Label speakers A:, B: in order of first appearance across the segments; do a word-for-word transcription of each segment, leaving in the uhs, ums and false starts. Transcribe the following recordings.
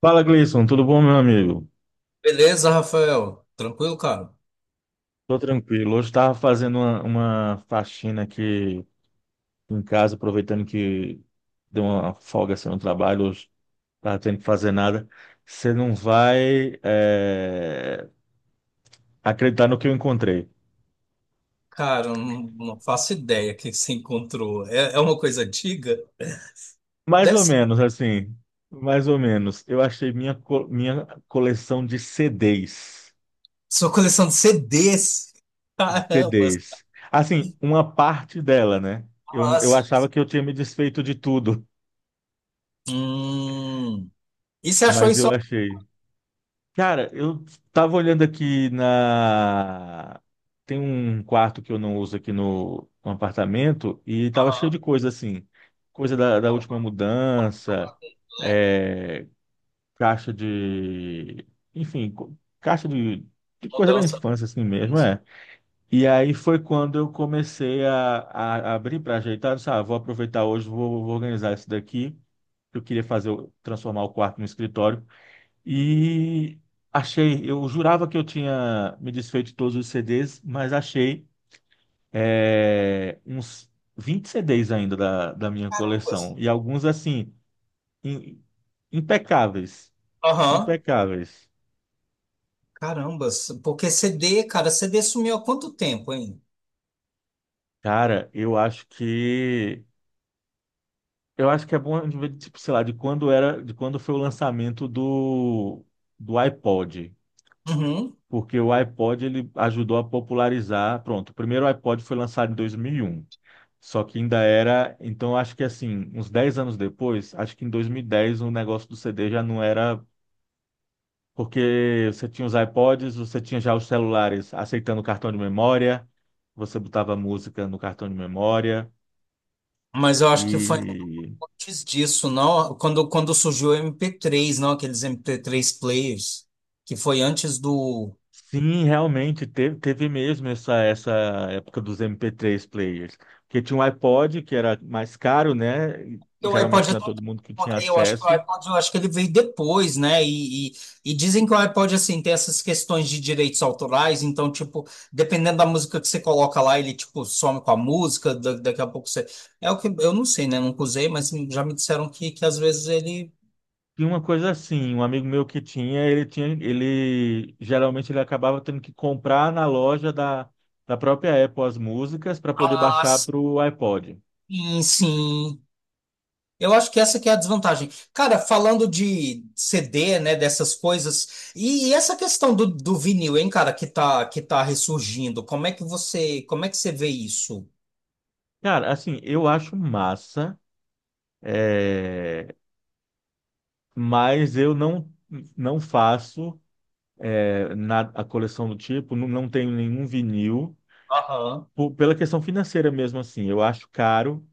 A: Fala, Gleison, tudo bom, meu amigo?
B: Beleza, Rafael? Tranquilo, cara?
A: Tô tranquilo. Hoje estava fazendo uma, uma faxina aqui em casa, aproveitando que deu uma folga assim, no trabalho, hoje estava tendo que fazer nada. Você não vai é, acreditar no que eu encontrei.
B: Cara, eu não, não faço ideia o que você encontrou. É, é uma coisa antiga?
A: Mais
B: Deve
A: ou
B: ser
A: menos, assim, mais ou menos. Eu achei minha, co- minha coleção de C Ds.
B: sua coleção de C Ds. Caramba,
A: C Ds. Assim, uma parte dela, né? Eu, eu
B: nossa.
A: achava que eu tinha me desfeito de tudo,
B: Hum. E você achou
A: mas
B: isso?
A: eu achei. Cara, eu tava olhando aqui na. Tem um quarto que eu não uso aqui no, no apartamento e tava cheio de
B: Aham.
A: coisa assim. Coisa da, da última mudança,
B: Né?
A: é, caixa de. Enfim, co- caixa de, de coisa da
B: Mudança.
A: infância assim mesmo, é. E aí foi quando eu comecei a, a a abrir para ajeitar. Eu disse, ah, vou aproveitar hoje, vou, vou organizar isso daqui. Eu queria fazer, o- transformar o quarto no escritório. E achei, eu jurava que eu tinha me desfeito de todos os C Ds, mas achei é, uns vinte C Ds ainda da, da minha coleção.
B: Carambas.
A: E alguns, assim, im- impecáveis.
B: Aham.
A: Impecáveis.
B: Carambas. Porque C D, cara, C D sumiu há quanto tempo, hein?
A: Cara, eu acho que. Eu acho que é bom, a gente ver, tipo, sei lá, de quando era, de quando foi o lançamento do, do iPod.
B: Uhum.
A: Porque o iPod ele ajudou a popularizar. Pronto, o primeiro iPod foi lançado em dois mil e um. Só que ainda era, então acho que assim, uns dez anos depois, acho que em dois mil e dez o negócio do C D já não era, porque você tinha os iPods, você tinha já os celulares aceitando cartão de memória, você botava música no cartão de memória,
B: Mas eu acho que foi.
A: e
B: Antes disso, não, quando, quando surgiu o M P três, não, aqueles M P três players, que foi antes do.
A: sim, realmente teve, teve mesmo essa, essa época dos M P três players, porque tinha um iPod que era mais caro, né? E
B: O
A: geralmente
B: iPod é
A: não é
B: todo-
A: todo mundo que tinha
B: Né, eu acho que o
A: acesso.
B: iPod, eu acho que ele veio depois, né? E, e, e dizem que o iPod, assim, tem essas questões de direitos autorais, então, tipo, dependendo da música que você coloca lá, ele, tipo, some com a música, da- daqui a pouco você. É o que eu não sei, né? Nunca usei, mas já me disseram que, que às vezes ele.
A: Tinha uma coisa assim, um amigo meu que tinha, ele tinha, ele geralmente ele acabava tendo que comprar na loja da, da própria Apple as músicas para poder
B: Ah,
A: baixar para o iPod.
B: sim, sim. Eu acho que essa que é a desvantagem. Cara, falando de C D, né, dessas coisas, e, e essa questão do, do vinil, hein, cara, que tá, que tá ressurgindo, como é que você, como é que você vê isso?
A: Cara, assim, eu acho massa, é, mas eu não não faço é, na, a coleção do tipo, não, não tenho nenhum vinil,
B: Aham.
A: por- pela questão financeira mesmo assim, eu acho caro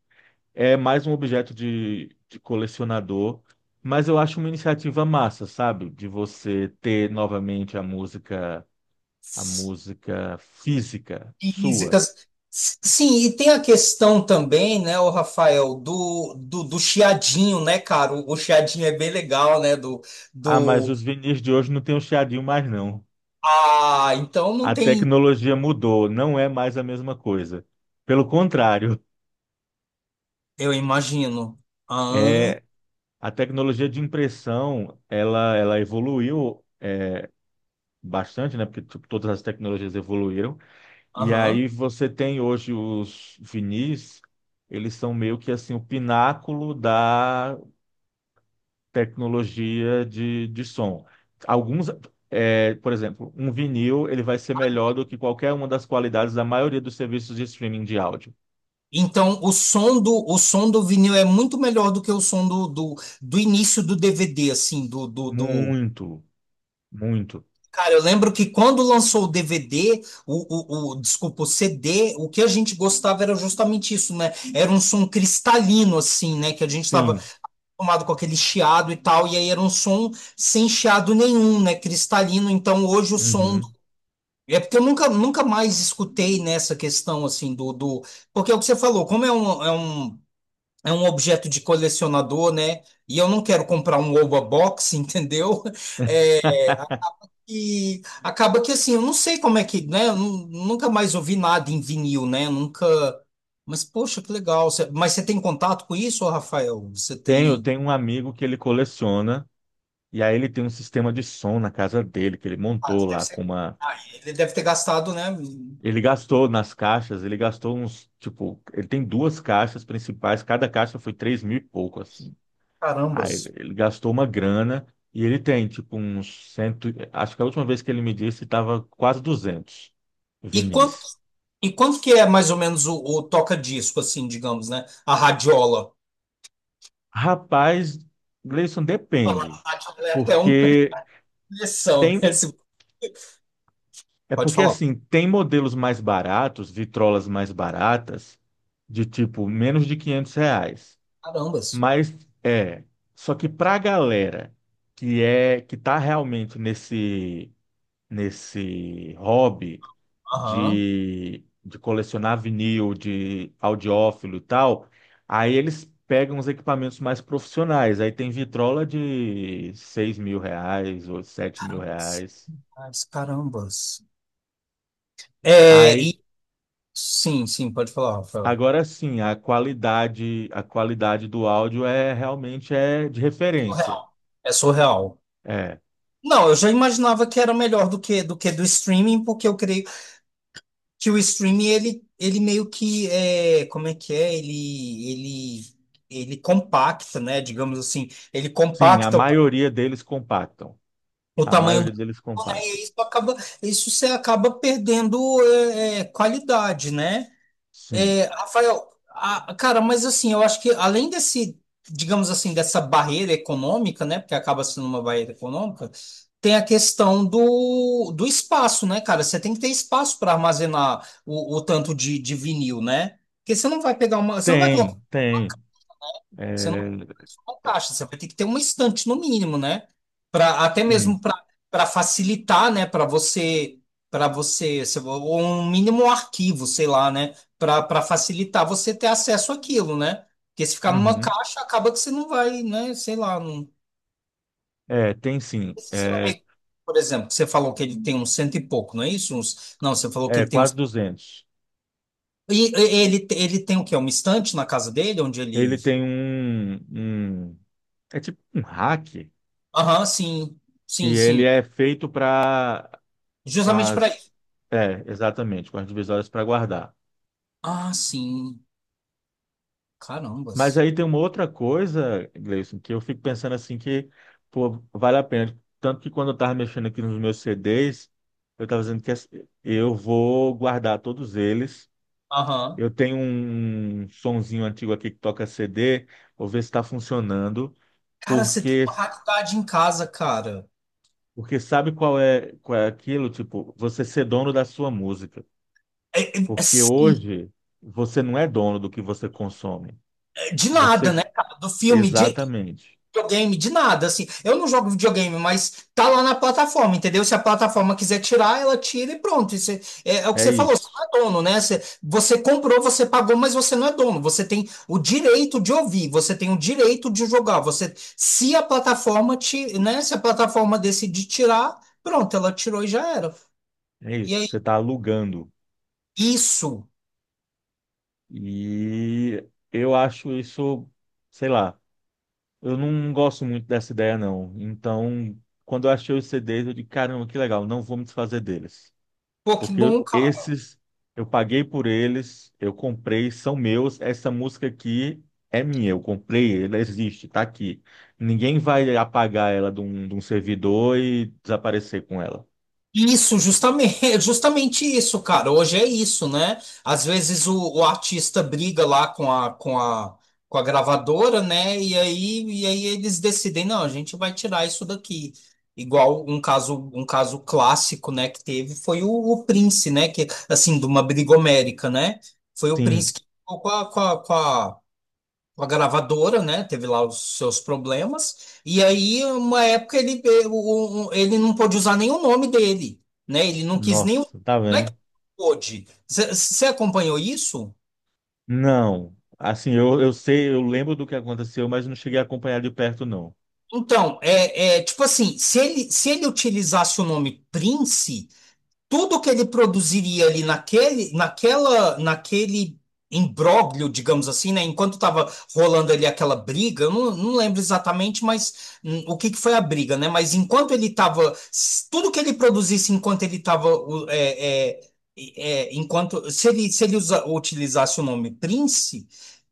A: é mais um objeto de, de colecionador, mas eu acho uma iniciativa massa, sabe? De você ter novamente a música, a música física sua.
B: Físicas. Sim, e tem a questão também, né, o Rafael, do, do, do chiadinho, né, cara? O, o chiadinho é bem legal, né, do,
A: Ah, mas
B: do...
A: os vinis de hoje não tem o chiadinho mais, não.
B: Ah, então não
A: A
B: tem...
A: tecnologia mudou, não é mais a mesma coisa. Pelo contrário,
B: Eu imagino. Ah.
A: é a tecnologia de impressão, ela, ela evoluiu é, bastante, né? Porque tipo, todas as tecnologias evoluíram. E
B: Aham.
A: aí você tem hoje os vinis, eles são meio que assim o pináculo da tecnologia de, de som. Alguns, é, por exemplo, um vinil ele vai ser melhor do que qualquer uma das qualidades da maioria dos serviços de streaming de áudio.
B: Então, o som do, o som do vinil é muito melhor do que o som do, do, do início do D V D, assim, do, do, do...
A: Muito, muito.
B: Cara, eu lembro que quando lançou o D V D, o, o, o, desculpa, o C D, o que a gente gostava era justamente isso, né? Era um som cristalino, assim, né? Que a gente estava
A: Sim.
B: acostumado com aquele chiado e tal, e aí era um som sem chiado nenhum, né? Cristalino. Então, hoje o som do
A: Uhum.
B: é porque eu nunca, nunca mais escutei nessa questão assim do, do porque é o que você falou, como é um, é um é um objeto de colecionador, né? E eu não quero comprar um Oba Box, entendeu? É, e acaba que assim, eu não sei como é que, né? Eu nu- nunca mais ouvi nada em vinil, né? Nunca. Mas poxa, que legal. Cê- Mas você tem contato com isso, ô Rafael? Você
A: Tenho,
B: tem.
A: tenho um amigo que ele coleciona, e aí ele tem um sistema de som na casa dele, que ele
B: Ah,
A: montou
B: deve
A: lá com
B: ser-
A: uma.
B: ah, ele deve ter gastado, né?
A: Ele gastou nas caixas, ele gastou uns, tipo, ele tem duas caixas principais, cada caixa foi três mil e pouco, assim. Aí
B: Carambas.
A: ele gastou uma grana e ele tem, tipo, uns cento, acho que a última vez que ele me disse estava quase duzentos
B: E quanto,
A: vinis.
B: e quanto que é mais ou menos o, o toca-disco, assim, digamos, né? A radiola.
A: Rapaz, Gleison,
B: A
A: depende,
B: radiola é até uma
A: porque
B: pressão, né?
A: tem, é
B: Pode
A: porque
B: falar.
A: assim, tem modelos mais baratos, vitrolas mais baratas, de tipo, menos de quinhentos reais.
B: Carambas.
A: Mas é, só que pra galera que é que tá realmente nesse nesse hobby
B: Aham.
A: de, de colecionar vinil, de audiófilo e tal, aí eles pegam os equipamentos mais profissionais. Aí tem vitrola de seis mil reais ou sete mil
B: Carambas.
A: reais.
B: Carambas. Carambas. É,
A: Aí
B: e... Sim, sim, pode falar, Rafael.
A: agora sim, a qualidade a qualidade do áudio é realmente é de referência.
B: Surreal. É surreal.
A: É,
B: Não, eu já imaginava que era melhor do que do que do streaming, porque eu creio que o streaming ele, ele meio que é, como é que é? Ele ele Ele compacta, né? Digamos assim, ele
A: sim, a
B: compacta o, ta-
A: maioria deles compactam.
B: o
A: A
B: tamanho
A: maioria
B: do,
A: deles
B: né?
A: compacto.
B: E isso acaba isso você acaba perdendo é, é, qualidade, né?
A: Sim.
B: É, Rafael, a- cara, mas assim, eu acho que além desse, digamos assim, dessa barreira econômica, né, porque acaba sendo uma barreira econômica, tem a questão do, do espaço, né, cara? Você tem que ter espaço para armazenar o, o tanto de, de vinil, né? Porque você não vai pegar uma, você não vai colocar
A: Tem, tem.
B: você não
A: É,
B: não caixa, você vai ter que ter uma estante no mínimo, né? Para até mesmo
A: sim.
B: para para facilitar, né, para você para você, se- ou um mínimo um arquivo, sei lá, né, para para facilitar você ter acesso àquilo, né? Porque se ficar numa
A: Uhum.
B: caixa, acaba que você não vai, né, sei lá, não...
A: É, tem sim.
B: Esse seu
A: É,
B: amigo, por exemplo, que você falou que ele tem uns cento e pouco, não é isso? Uns... Não, você falou que
A: é
B: ele tem
A: quase
B: uns.
A: duzentos.
B: E e- ele ele tem o quê? Uma estante na casa dele onde ele.
A: Ele tem um, um- É tipo um hack
B: Aham, sim.
A: que
B: Sim,
A: ele
B: sim.
A: é feito para... Com
B: Justamente para.
A: as... É, exatamente. Com as divisórias para guardar.
B: Ah, sim.
A: Mas
B: Carambas.
A: aí tem uma outra coisa, Gleison, que eu fico pensando assim que, pô, vale a pena. Tanto que quando eu estava mexendo aqui nos meus C Ds, eu estava dizendo que assim, eu vou guardar todos eles.
B: Aham.
A: Eu tenho um sonzinho antigo aqui que toca C D, vou ver se está funcionando,
B: Cara, você tem
A: porque
B: uma raridade em casa, cara.
A: porque sabe qual é, qual é aquilo? Tipo, você ser dono da sua música.
B: É- é-
A: Porque
B: assim,
A: hoje você não é dono do que você consome.
B: é de nada,
A: Você,
B: né, cara? Do filme, de
A: exatamente,
B: videogame, de nada, assim. Eu não jogo videogame, mas tá lá na plataforma, entendeu? Se a plataforma quiser tirar, ela tira e pronto. Isso é, é- é o que
A: é
B: você falou, você não
A: isso.
B: é dono, né? Você, você comprou, você pagou, mas você não é dono. Você tem o direito de ouvir, você tem o direito de jogar. Você, se a plataforma te, né? Se a plataforma decidir tirar, pronto, ela tirou e já era.
A: É
B: E é
A: isso, você está alugando.
B: isso,
A: E eu acho isso, sei lá, eu não gosto muito dessa ideia, não. Então, quando eu achei os C Ds, eu digo, caramba, que legal, não vou me desfazer deles. Porque
B: Pokémon, cara.
A: esses, eu paguei por eles, eu comprei, são meus, essa música aqui é minha, eu comprei, ela existe, está aqui. Ninguém vai apagar ela de um, de um servidor e desaparecer com ela.
B: Isso, justamente, justamente isso, cara. Hoje é isso, né? Às vezes o, o artista briga lá com a, com a, com a gravadora, né? E aí, e aí eles decidem, não, a gente vai tirar isso daqui. Igual um caso, um caso clássico, né, que teve foi o, o Prince, né? Que, assim, de uma brigomérica, né? Foi o
A: Sim,
B: Prince que ficou com a, com a, com a- a- gravadora, né? Teve lá os seus problemas. E aí, uma época, ele, eh, o- o- ele não pôde usar nem o nome dele, né? Ele não quis nem. o-
A: nossa, tá
B: Não é que
A: vendo?
B: não pôde. Você acompanhou isso?
A: Não. Assim, eu, eu sei, eu lembro do que aconteceu, mas não cheguei a acompanhar de perto, não.
B: Então, é, é tipo assim, se ele, se ele utilizasse o nome Prince. Tudo que ele produziria ali naquele, naquela, naquele imbróglio, digamos assim, né? Enquanto estava rolando ali aquela briga, eu não, não lembro exatamente, mas hum, o que que foi a briga, né? Mas enquanto ele estava, tudo que ele produzisse enquanto ele estava, é, é, é, enquanto se ele, se ele usa- utilizasse o nome Prince,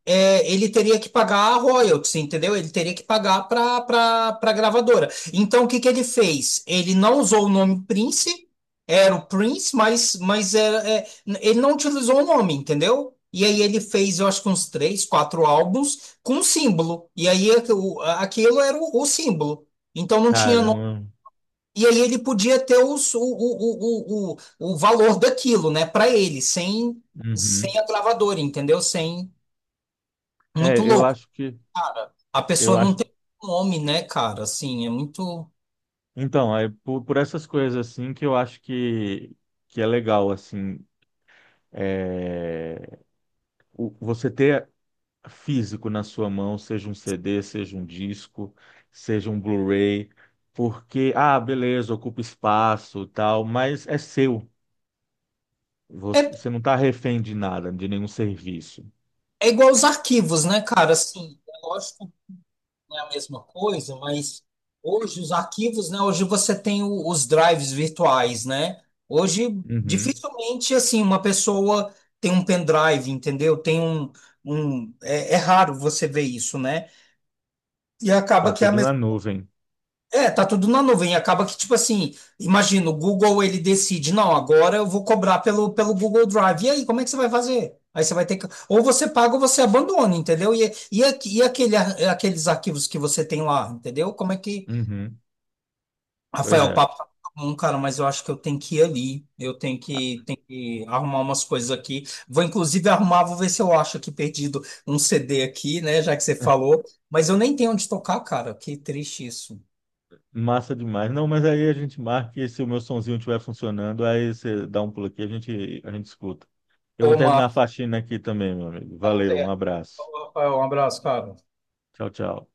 B: é, ele teria que pagar a royalties, entendeu? Ele teria que pagar para para a gravadora. Então, o que que ele fez? Ele não usou o nome Prince, era o Prince, mas, mas era, é, ele não utilizou o nome, entendeu? E aí ele fez, eu acho que uns três, quatro álbuns com símbolo. E aí aqu- o- aquilo era o, o símbolo. Então não tinha nome.
A: Caramba.
B: E aí ele podia ter os- o, o, o, o, o o valor daquilo, né, para ele, sem,
A: Uhum.
B: sem a gravadora, entendeu? Sem. Muito
A: É, eu
B: louco,
A: acho que,
B: cara. A
A: eu
B: pessoa não
A: acho.
B: tem nome, né, cara? Assim, é muito.
A: Então, é por, por essas coisas assim que eu acho que, que é legal, assim, é, o- você ter físico na sua mão, seja um C D, seja um disco, seja um Blu-ray, porque, ah, beleza, ocupa espaço, e tal, mas é seu.
B: É,
A: Você você não está refém de nada, de nenhum serviço.
B: É igual os arquivos, né, cara? Assim, é lógico não é a mesma coisa, mas hoje os arquivos, né? Hoje você tem o- os drives virtuais, né? Hoje
A: Uhum.
B: dificilmente assim uma pessoa tem um pendrive, entendeu? Tem um, um é, é raro você ver isso, né? E
A: Tá
B: acaba que é a
A: tudo na
B: mesma.
A: nuvem.
B: É, tá tudo na nuvem. Acaba que, tipo assim, imagina, o Google ele decide, não, agora eu vou cobrar pelo, pelo Google Drive. E aí, como é que você vai fazer? Aí você vai ter que. Ou você paga ou você abandona, entendeu? E, e, aqu- e aquele, ar- aqueles arquivos que você tem lá, entendeu? Como é que,
A: Uhum. Pois
B: Rafael, o
A: é.
B: papo tá bom, cara, mas eu acho que eu tenho que ir ali. Eu tenho que, tenho que arrumar umas coisas aqui. Vou inclusive arrumar, vou ver se eu acho aqui perdido um C D aqui, né? Já que você
A: Ah,
B: falou. Mas eu nem tenho onde tocar, cara. Que triste isso.
A: massa demais. Não, mas aí a gente marca e se o meu sonzinho estiver funcionando, aí você dá um pulo aqui, a gente, a gente escuta. Eu
B: Ô,
A: vou terminar a
B: Marcelo,
A: faxina aqui também, meu amigo. Valeu, um abraço.
B: Rafael, um abraço, cara.
A: Tchau, tchau.